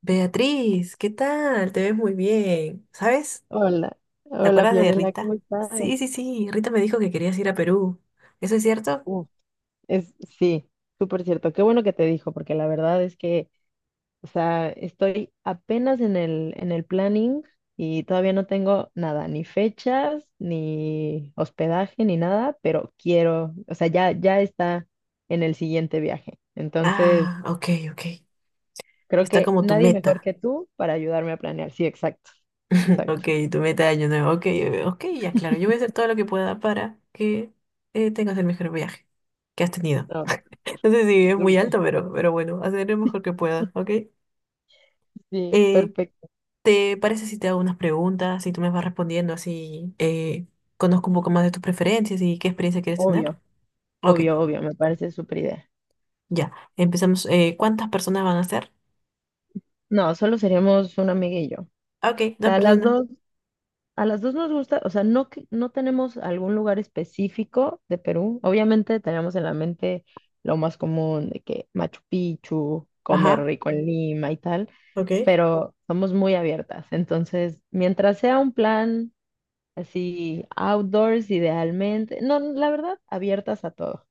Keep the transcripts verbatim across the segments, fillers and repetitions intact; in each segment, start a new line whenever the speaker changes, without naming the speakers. Beatriz, ¿qué tal? Te ves muy bien. ¿Sabes?
Hola,
¿Te
hola
acuerdas de
Fiorella, ¿cómo
Rita?
estás?
Sí, sí, sí. Rita me dijo que querías ir a Perú. ¿Eso es cierto?
Uf, es, sí, súper cierto. Qué bueno que te dijo, porque la verdad es que, o sea, estoy apenas en el, en el planning y todavía no tengo nada, ni fechas, ni hospedaje, ni nada, pero quiero, o sea, ya, ya está en el siguiente viaje. Entonces,
Ah, ok, ok.
creo
Está
que
como tu
nadie mejor
meta.
que tú para ayudarme a planear. Sí, exacto, exacto.
Ok, tu meta de año nuevo. Ok, eh, ok, ya claro. Yo voy a hacer todo lo que pueda para que eh, tengas el mejor viaje que has tenido.
No, súper,
No sé si es muy
súper,
alto, pero, pero bueno, hacer lo mejor que pueda, ¿ok?
sí,
Eh,
perfecto.
¿te parece si te hago unas preguntas y tú me vas respondiendo así? eh, conozco un poco más de tus preferencias y qué experiencia quieres tener.
Obvio,
Ok,
obvio, obvio, me parece súper idea.
ya. Empezamos. eh, ¿cuántas personas van a ser?
No, solo seríamos una amiga y yo. O
Ok, dos
sea, a las
personas.
dos, a las dos nos gusta, o sea, no, que- no tenemos algún lugar específico de Perú. Obviamente tenemos en la mente lo más común de que Machu Picchu, comer
Ajá,
rico en Lima y tal,
ok.
pero somos muy abiertas. Entonces, mientras sea un plan así, outdoors idealmente, no, la verdad, abiertas a todo.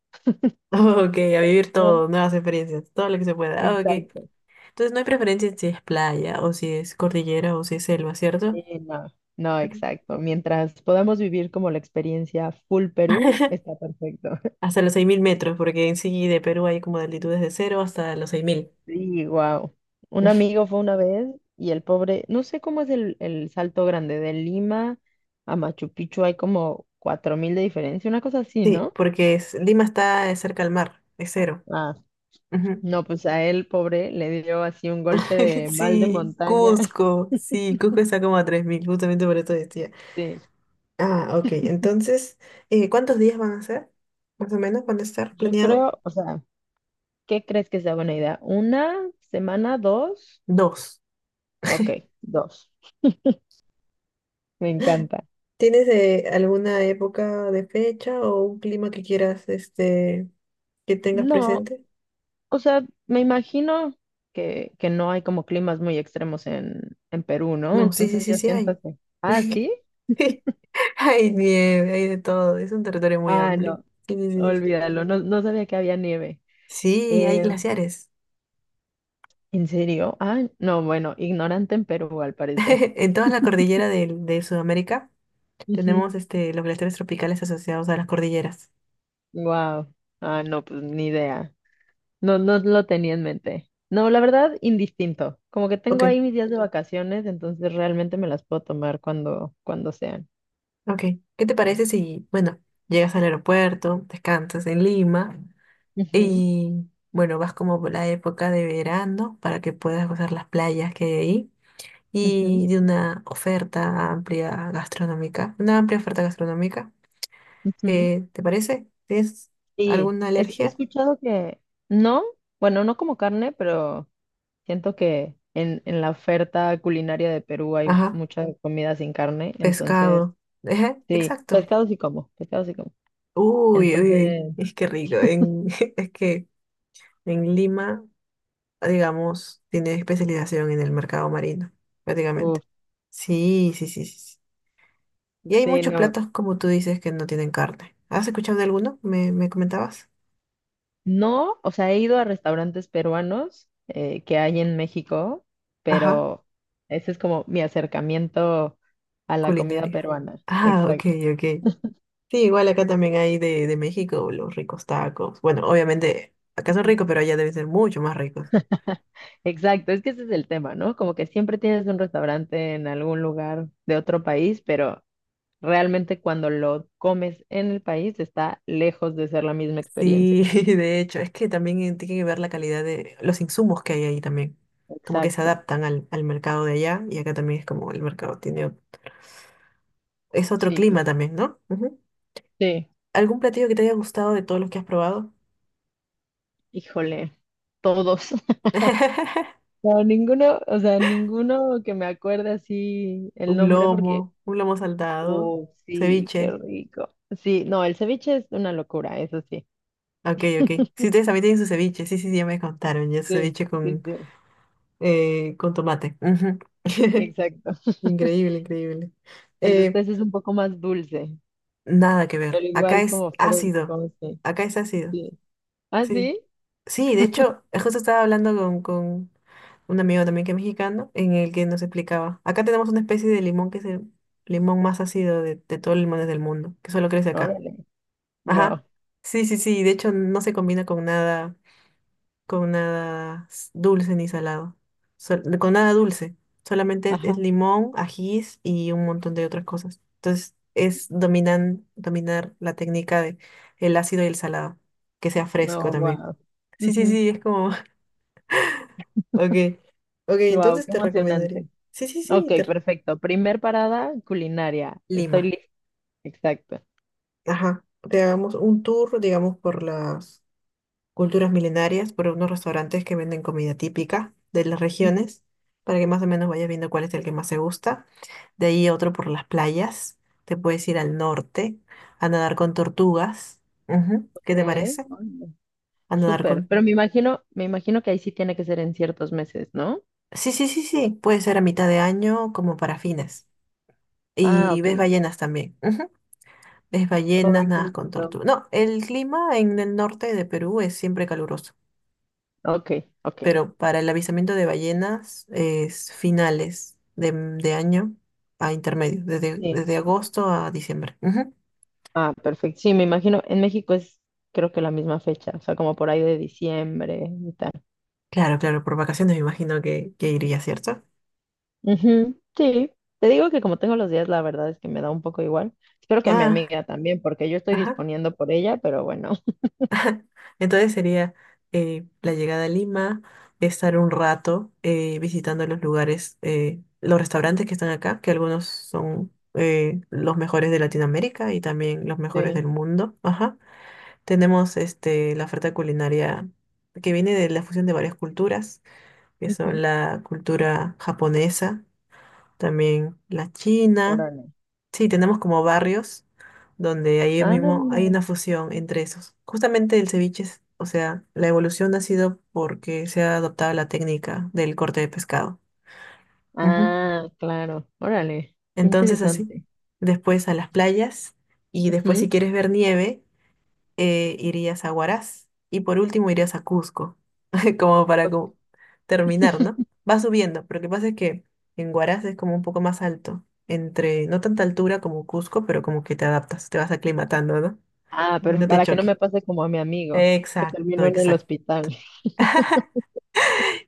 Ok, a vivir
Ser-
todo, nuevas experiencias, todo lo que se pueda. Ah, ok.
Exacto.
Entonces no hay preferencia si es playa o si es cordillera o si es selva, ¿cierto?
Sí, no, no,
Ok.
exacto. Mientras podamos vivir como la experiencia full Perú, está perfecto.
Hasta los seis mil metros, porque en sí de Perú hay como de altitudes de cero hasta los seis mil.
Sí, wow. Un amigo fue una vez y el pobre, no sé cómo es el, el salto grande de Lima a Machu Picchu, hay como cuatro mil de diferencia, una cosa así,
Sí,
¿no?
porque es- Lima está eh, cerca al mar, es cero.
Ah,
Ujú.
no, pues a él, pobre, le dio así un golpe de mal de
Sí,
montaña.
Cusco, sí, Cusco está como a tres mil, justamente por esto decía.
Sí,
Ah, ok. Entonces, eh, ¿cuántos días van a ser? Más o menos, ¿van a estar
yo
planeado?
creo, o sea, ¿qué crees que sea buena idea? ¿Una semana, dos?
Dos.
Ok, dos. Me encanta.
¿Tienes eh, alguna época de fecha o un clima que quieras, este, que tengas
No,
presente?
o sea, me imagino que, que no hay como climas muy extremos en, en Perú, ¿no?
No, sí, sí,
Entonces
sí,
yo
sí hay.
siento que. Ah, ¿sí?
Sí, Hay nieve, hay de todo. Es un territorio muy
Ah,
amplio.
no,
Sí, sí, sí.
olvídalo, no, no sabía que había nieve.
Sí, hay
Eh,
glaciares.
¿En serio? Ah, no, bueno, ignorante en Perú al parecer.
En toda la cordillera del- de, Sudamérica tenemos este, los glaciares tropicales asociados a las cordilleras.
Wow. Ah, no, pues ni idea. No, no lo tenía en mente. No, la verdad, indistinto. Como que
Ok.
tengo ahí mis días de vacaciones, entonces realmente me las puedo tomar cuando, cuando sean.
Ok, ¿qué te parece si, bueno, llegas al aeropuerto, descansas en Lima
Ujú,
y, bueno, vas como por la época de verano para que puedas gozar las playas que hay ahí
ujú,
y de una oferta amplia gastronómica, una amplia oferta gastronómica?
ujú.
Eh, ¿te parece? ¿Tienes
Sí,
alguna
es- he
alergia?
escuchado que no, bueno, no como carne, pero siento que en, en la oferta culinaria de Perú hay
Ajá,
mucha comida sin carne, entonces,
pescado. Ajá,
sí,
exacto.
pescado sí como, pescado sí como.
Uy, uy, uy,
Entonces,
es que rico. En, es que en Lima digamos, tiene especialización en el mercado marino, prácticamente.
uf,
Sí, sí, sí, sí. sí. Y hay
sí,
muchos
no,
platos, como tú dices, que no tienen carne. ¿Has escuchado de alguno? ¿Me, me comentabas?
no, o sea, he ido a restaurantes peruanos eh, que hay en México,
Ajá,
pero ese es como mi acercamiento a la comida
culinaria.
peruana,
Ah, ok,
exacto.
ok. Sí, igual acá también hay de, de México los ricos tacos. Bueno, obviamente acá son ricos, pero allá deben ser mucho más ricos.
Exacto, es que ese es el tema, ¿no? Como que siempre tienes un restaurante en algún lugar de otro país, pero realmente cuando lo comes en el país está lejos de ser la misma experiencia.
Sí, de hecho, es que también eh, tiene que ver la calidad de los insumos que hay ahí también. Como que se
Exacto,
adaptan al, al mercado de allá y acá también es como el mercado tiene es otro
sí,
clima
total.
también, ¿no? Ujú.
Sí,
¿Algún platillo que te haya gustado de todos los que has probado?
híjole, todos. No, ninguno, o sea, ninguno que me acuerde así el
Un
nombre porque,
lomo, un lomo saltado,
oh, sí, qué
ceviche.
rico. Sí, no, el ceviche es una locura, eso sí.
Ok, ok. Sí, ustedes también tienen su ceviche. Sí, sí, sí, ya me contaron. Ya su
Sí,
ceviche
sí,
con,
sí,
eh, con tomate. Ujú.
exacto.
Increíble, increíble.
El de
Eh,
ustedes es un poco más dulce.
nada que ver.
Pero
Acá
igual
es
como Fred,
ácido.
como sí,
Acá es ácido.
sí. ¿Ah,
sí
sí?
Sí, de hecho, eh, justo estaba hablando con, con un amigo también que es mexicano, en el que nos explicaba. Acá tenemos una especie de limón que es el limón más ácido de, de todos los limones del mundo, que solo crece acá.
Órale, wow.
Ajá. Sí, sí, sí. De hecho, no se combina con nada, con nada s- dulce ni salado. Sol- con nada dulce. Solamente es,
Ajá,
es limón, ajís y un montón de otras cosas. Entonces, es dominan, dominar la técnica de el ácido y el salado, que sea fresco
no,
también.
wow.
Sí, sí, sí, es como. Ok, ok,
Wow,
entonces
qué
te recomendaría.
emocionante.
Sí, sí, sí,
Ok,
te-
perfecto. Primer parada, culinaria. Estoy
Lima.
lista. Exacto.
Ajá. Te hagamos un tour, digamos, por las culturas milenarias, por unos restaurantes que venden comida típica de las
Ok,
regiones, para que más o menos vayas viendo cuál es el que más te gusta. De ahí otro por las playas. Te puedes ir al norte a nadar con tortugas. Ujú, ¿qué te parece?
órale,
A nadar
súper.
con...
Pero me imagino, me imagino que ahí sí tiene que ser en ciertos meses, ¿no?
Sí, sí, sí, sí. Puede ser a mitad de año como para fines.
Ah,
Y
ok.
ves ballenas también. Es ballenas,
Ay, qué
nadas con
lindo.
tortuga. No, el clima en el norte de Perú es siempre caluroso,
Ok, ok.
pero para el avistamiento de ballenas es finales de, de año a intermedio, desde,
Sí.
desde agosto a diciembre. Ujú.
Ah, perfecto. Sí, me imagino, en México es creo que la misma fecha, o sea, como por ahí de diciembre, mitad.
Claro, claro, por vacaciones me imagino que, que, iría, ¿cierto?
Ujú, sí, te digo que como tengo los días, la verdad es que me da un poco igual. Espero que a mi
Ah,
amiga también, porque yo estoy
ajá.
disponiendo por ella, pero bueno.
Entonces sería eh, la llegada a Lima, estar un rato eh, visitando los lugares, eh, los restaurantes que están acá, que algunos son eh, los mejores de Latinoamérica y también los mejores del
Sí.
mundo. Ajá. Tenemos este, la oferta culinaria que viene de la fusión de varias culturas, que son
Ujú,
la cultura japonesa, también la china.
órale.
Sí, tenemos como barrios donde ahí
Ah,
mismo hay
mira.
una fusión entre esos. Justamente el ceviche, es- o sea, la evolución ha sido porque se ha adoptado la técnica del corte de pescado. Ujú.
Ah, claro. Órale. Qué
Entonces así,
interesante.
después a las playas y después si
Ujú.
quieres ver nieve, eh, irías a Huaraz y por último irías a Cusco, como para
Ok.
como terminar, ¿no? Va subiendo, pero lo que pasa es que en Huaraz es como un poco más alto, entre no tanta altura como Cusco, pero como que te adaptas, te vas aclimatando, ¿no?
Ah,
Para que
pero
no te
para que no
choque.
me pase como a mi amigo, que
Exacto,
terminó en el
exacto.
hospital.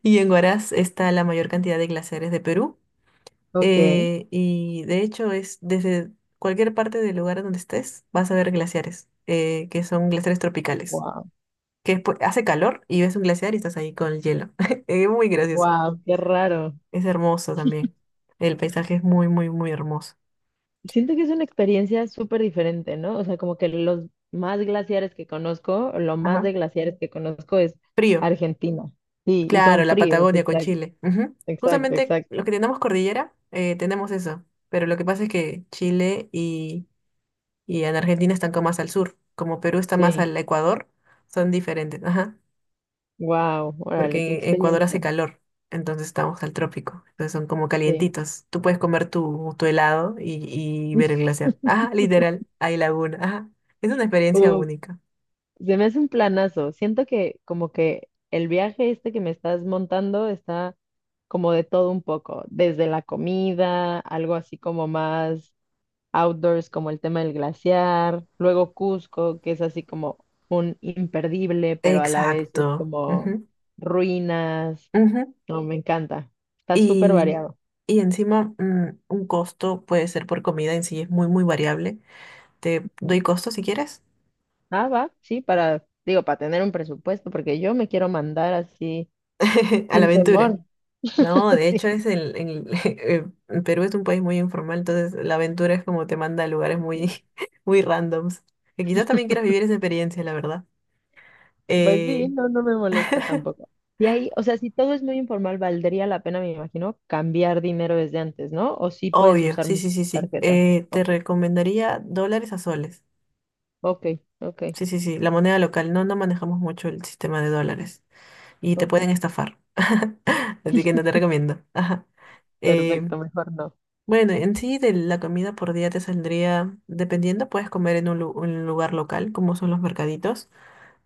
Y en Huaraz está la mayor cantidad de glaciares de Perú.
Ok.
eh, y de hecho es desde cualquier parte del lugar donde estés, vas a ver glaciares, eh, que son glaciares tropicales.
Wow.
Que después hace calor y ves un glaciar y estás ahí con el hielo. Es muy gracioso.
Wow, qué raro.
Es hermoso también. El paisaje es muy, muy, muy hermoso.
Siento que es una experiencia súper diferente, ¿no? O sea, como que los más glaciares que conozco, lo más
Ajá.
de glaciares que conozco es
Frío.
Argentina. Sí, y
Claro,
son
la
fríos,
Patagonia con
exacto,
Chile. Ujú.
exacto,
Justamente los
exacto.
que tenemos cordillera, eh, tenemos eso. Pero lo que pasa es que Chile y, y en Argentina están como más al sur. Como Perú está más
Sí,
al Ecuador, son diferentes. Ajá.
wow, órale, qué
Porque en Ecuador hace
experiencia.
calor, entonces estamos al trópico, entonces son como
Sí.
calientitos. Tú puedes comer tu, tu helado y, y ver el glaciar. Ajá, literal, hay laguna, ajá. Es una experiencia
Uh,
única.
se me hace un planazo. Siento que como que el viaje este que me estás montando está como de todo un poco, desde la comida, algo así como más outdoors como el tema del glaciar, luego Cusco, que es así como un imperdible, pero a la vez es
Exacto.
como
Ujú,
ruinas.
ujú.
No, me encanta. Está súper
Y,
variado.
y encima, mm, un costo puede ser por comida en sí, es muy, muy variable. Te doy costo si quieres.
Ah, va, sí, para, digo, para tener un presupuesto, porque yo me quiero mandar así
A la
sin
aventura.
temor.
No, de hecho
Sí,
es el, el- el Perú es un país muy informal, entonces la aventura es como te manda a lugares muy,
ok.
muy randoms. Que quizás también quieras vivir esa experiencia, la verdad.
Pues sí,
Eh,
no, no me molesta tampoco. Y ahí, o sea, si todo es muy informal, valdría la pena, me imagino, cambiar dinero desde antes, ¿no? O sí puedes
obvio,
usar
sí, sí,
mucho
sí,
tu
sí.
tarjeta.
Eh, te
Ok,
recomendaría dólares a soles.
ok, ok.
Sí, sí, sí, la moneda local. No, no manejamos mucho el sistema de dólares y te
Ok,
pueden estafar. Así que no te recomiendo. Ajá. Eh,
perfecto, mejor no.
bueno, en sí de la comida por día te saldría, dependiendo, puedes comer en un, lu- un lugar local, como son los mercaditos.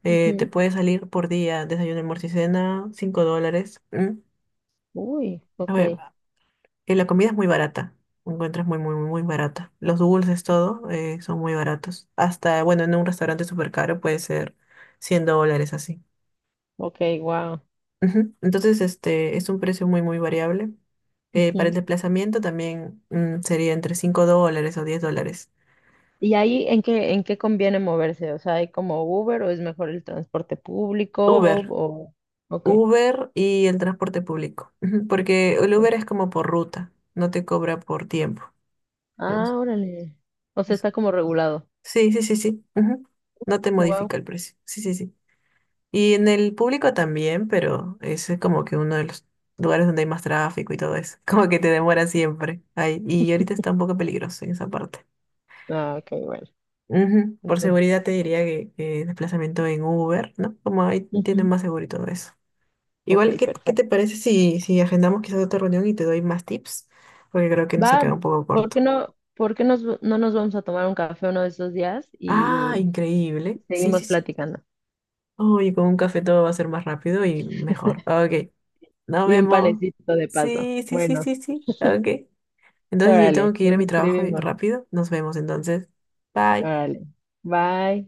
eh, te
Ujú.
puede salir por día, desayuno, almuerzo y cena, cinco dólares. ¿M?
Uy,
A
ok,
ver, eh, la comida es muy barata. Encuentras muy, muy, muy, muy barata. Los dulces, todo, eh, son muy baratos. Hasta, bueno, en un restaurante súper caro puede ser cien dólares así.
ok, wow.
Ujú. Entonces, este es un precio muy, muy variable. Eh, para el desplazamiento también mm, sería entre cinco dólares o diez dólares.
¿Y ahí en qué, en qué conviene moverse? O sea, ¿hay como Uber o es mejor el transporte público?
Uber,
O... Ok,
Uber y el transporte público. Ujú, porque el
ok.
Uber es como por ruta, no te cobra por tiempo. Algo
Ah, órale. O sea,
así.
está como regulado.
Sí, sí, sí, sí. Ujú. No te
Wow.
modifica el precio. Sí, sí, sí. Y en el público también, pero ese es como que uno de los lugares donde hay más tráfico y todo eso. Como que te demora siempre. Ay, y ahorita está un poco peligroso en esa parte.
Ah, ok, bueno.
Ujú. Por
Entonces,
seguridad te diría que, que, desplazamiento en Uber, ¿no? Como ahí tienen
ujú.
más seguro y todo eso.
Ok,
Igual, ¿qué, qué te
perfecto.
parece si, si agendamos quizás otra reunión y te doy más tips? Porque creo que nos ha
Va,
quedado un poco
¿por
corto.
qué no, por qué nos- no nos vamos a tomar un café uno de esos días
Ah,
y
increíble. Sí, sí,
seguimos
sí.
platicando?
Uy, con un café todo va a ser más rápido y mejor. Ok, nos
Y un
vemos.
panecito de paso.
Sí, sí, sí,
Bueno.
sí, sí. Ok. Entonces yo tengo
Órale,
que ir a
nos
mi trabajo y-
escribimos.
rápido. Nos vemos entonces. Bye.
Órale. Bye.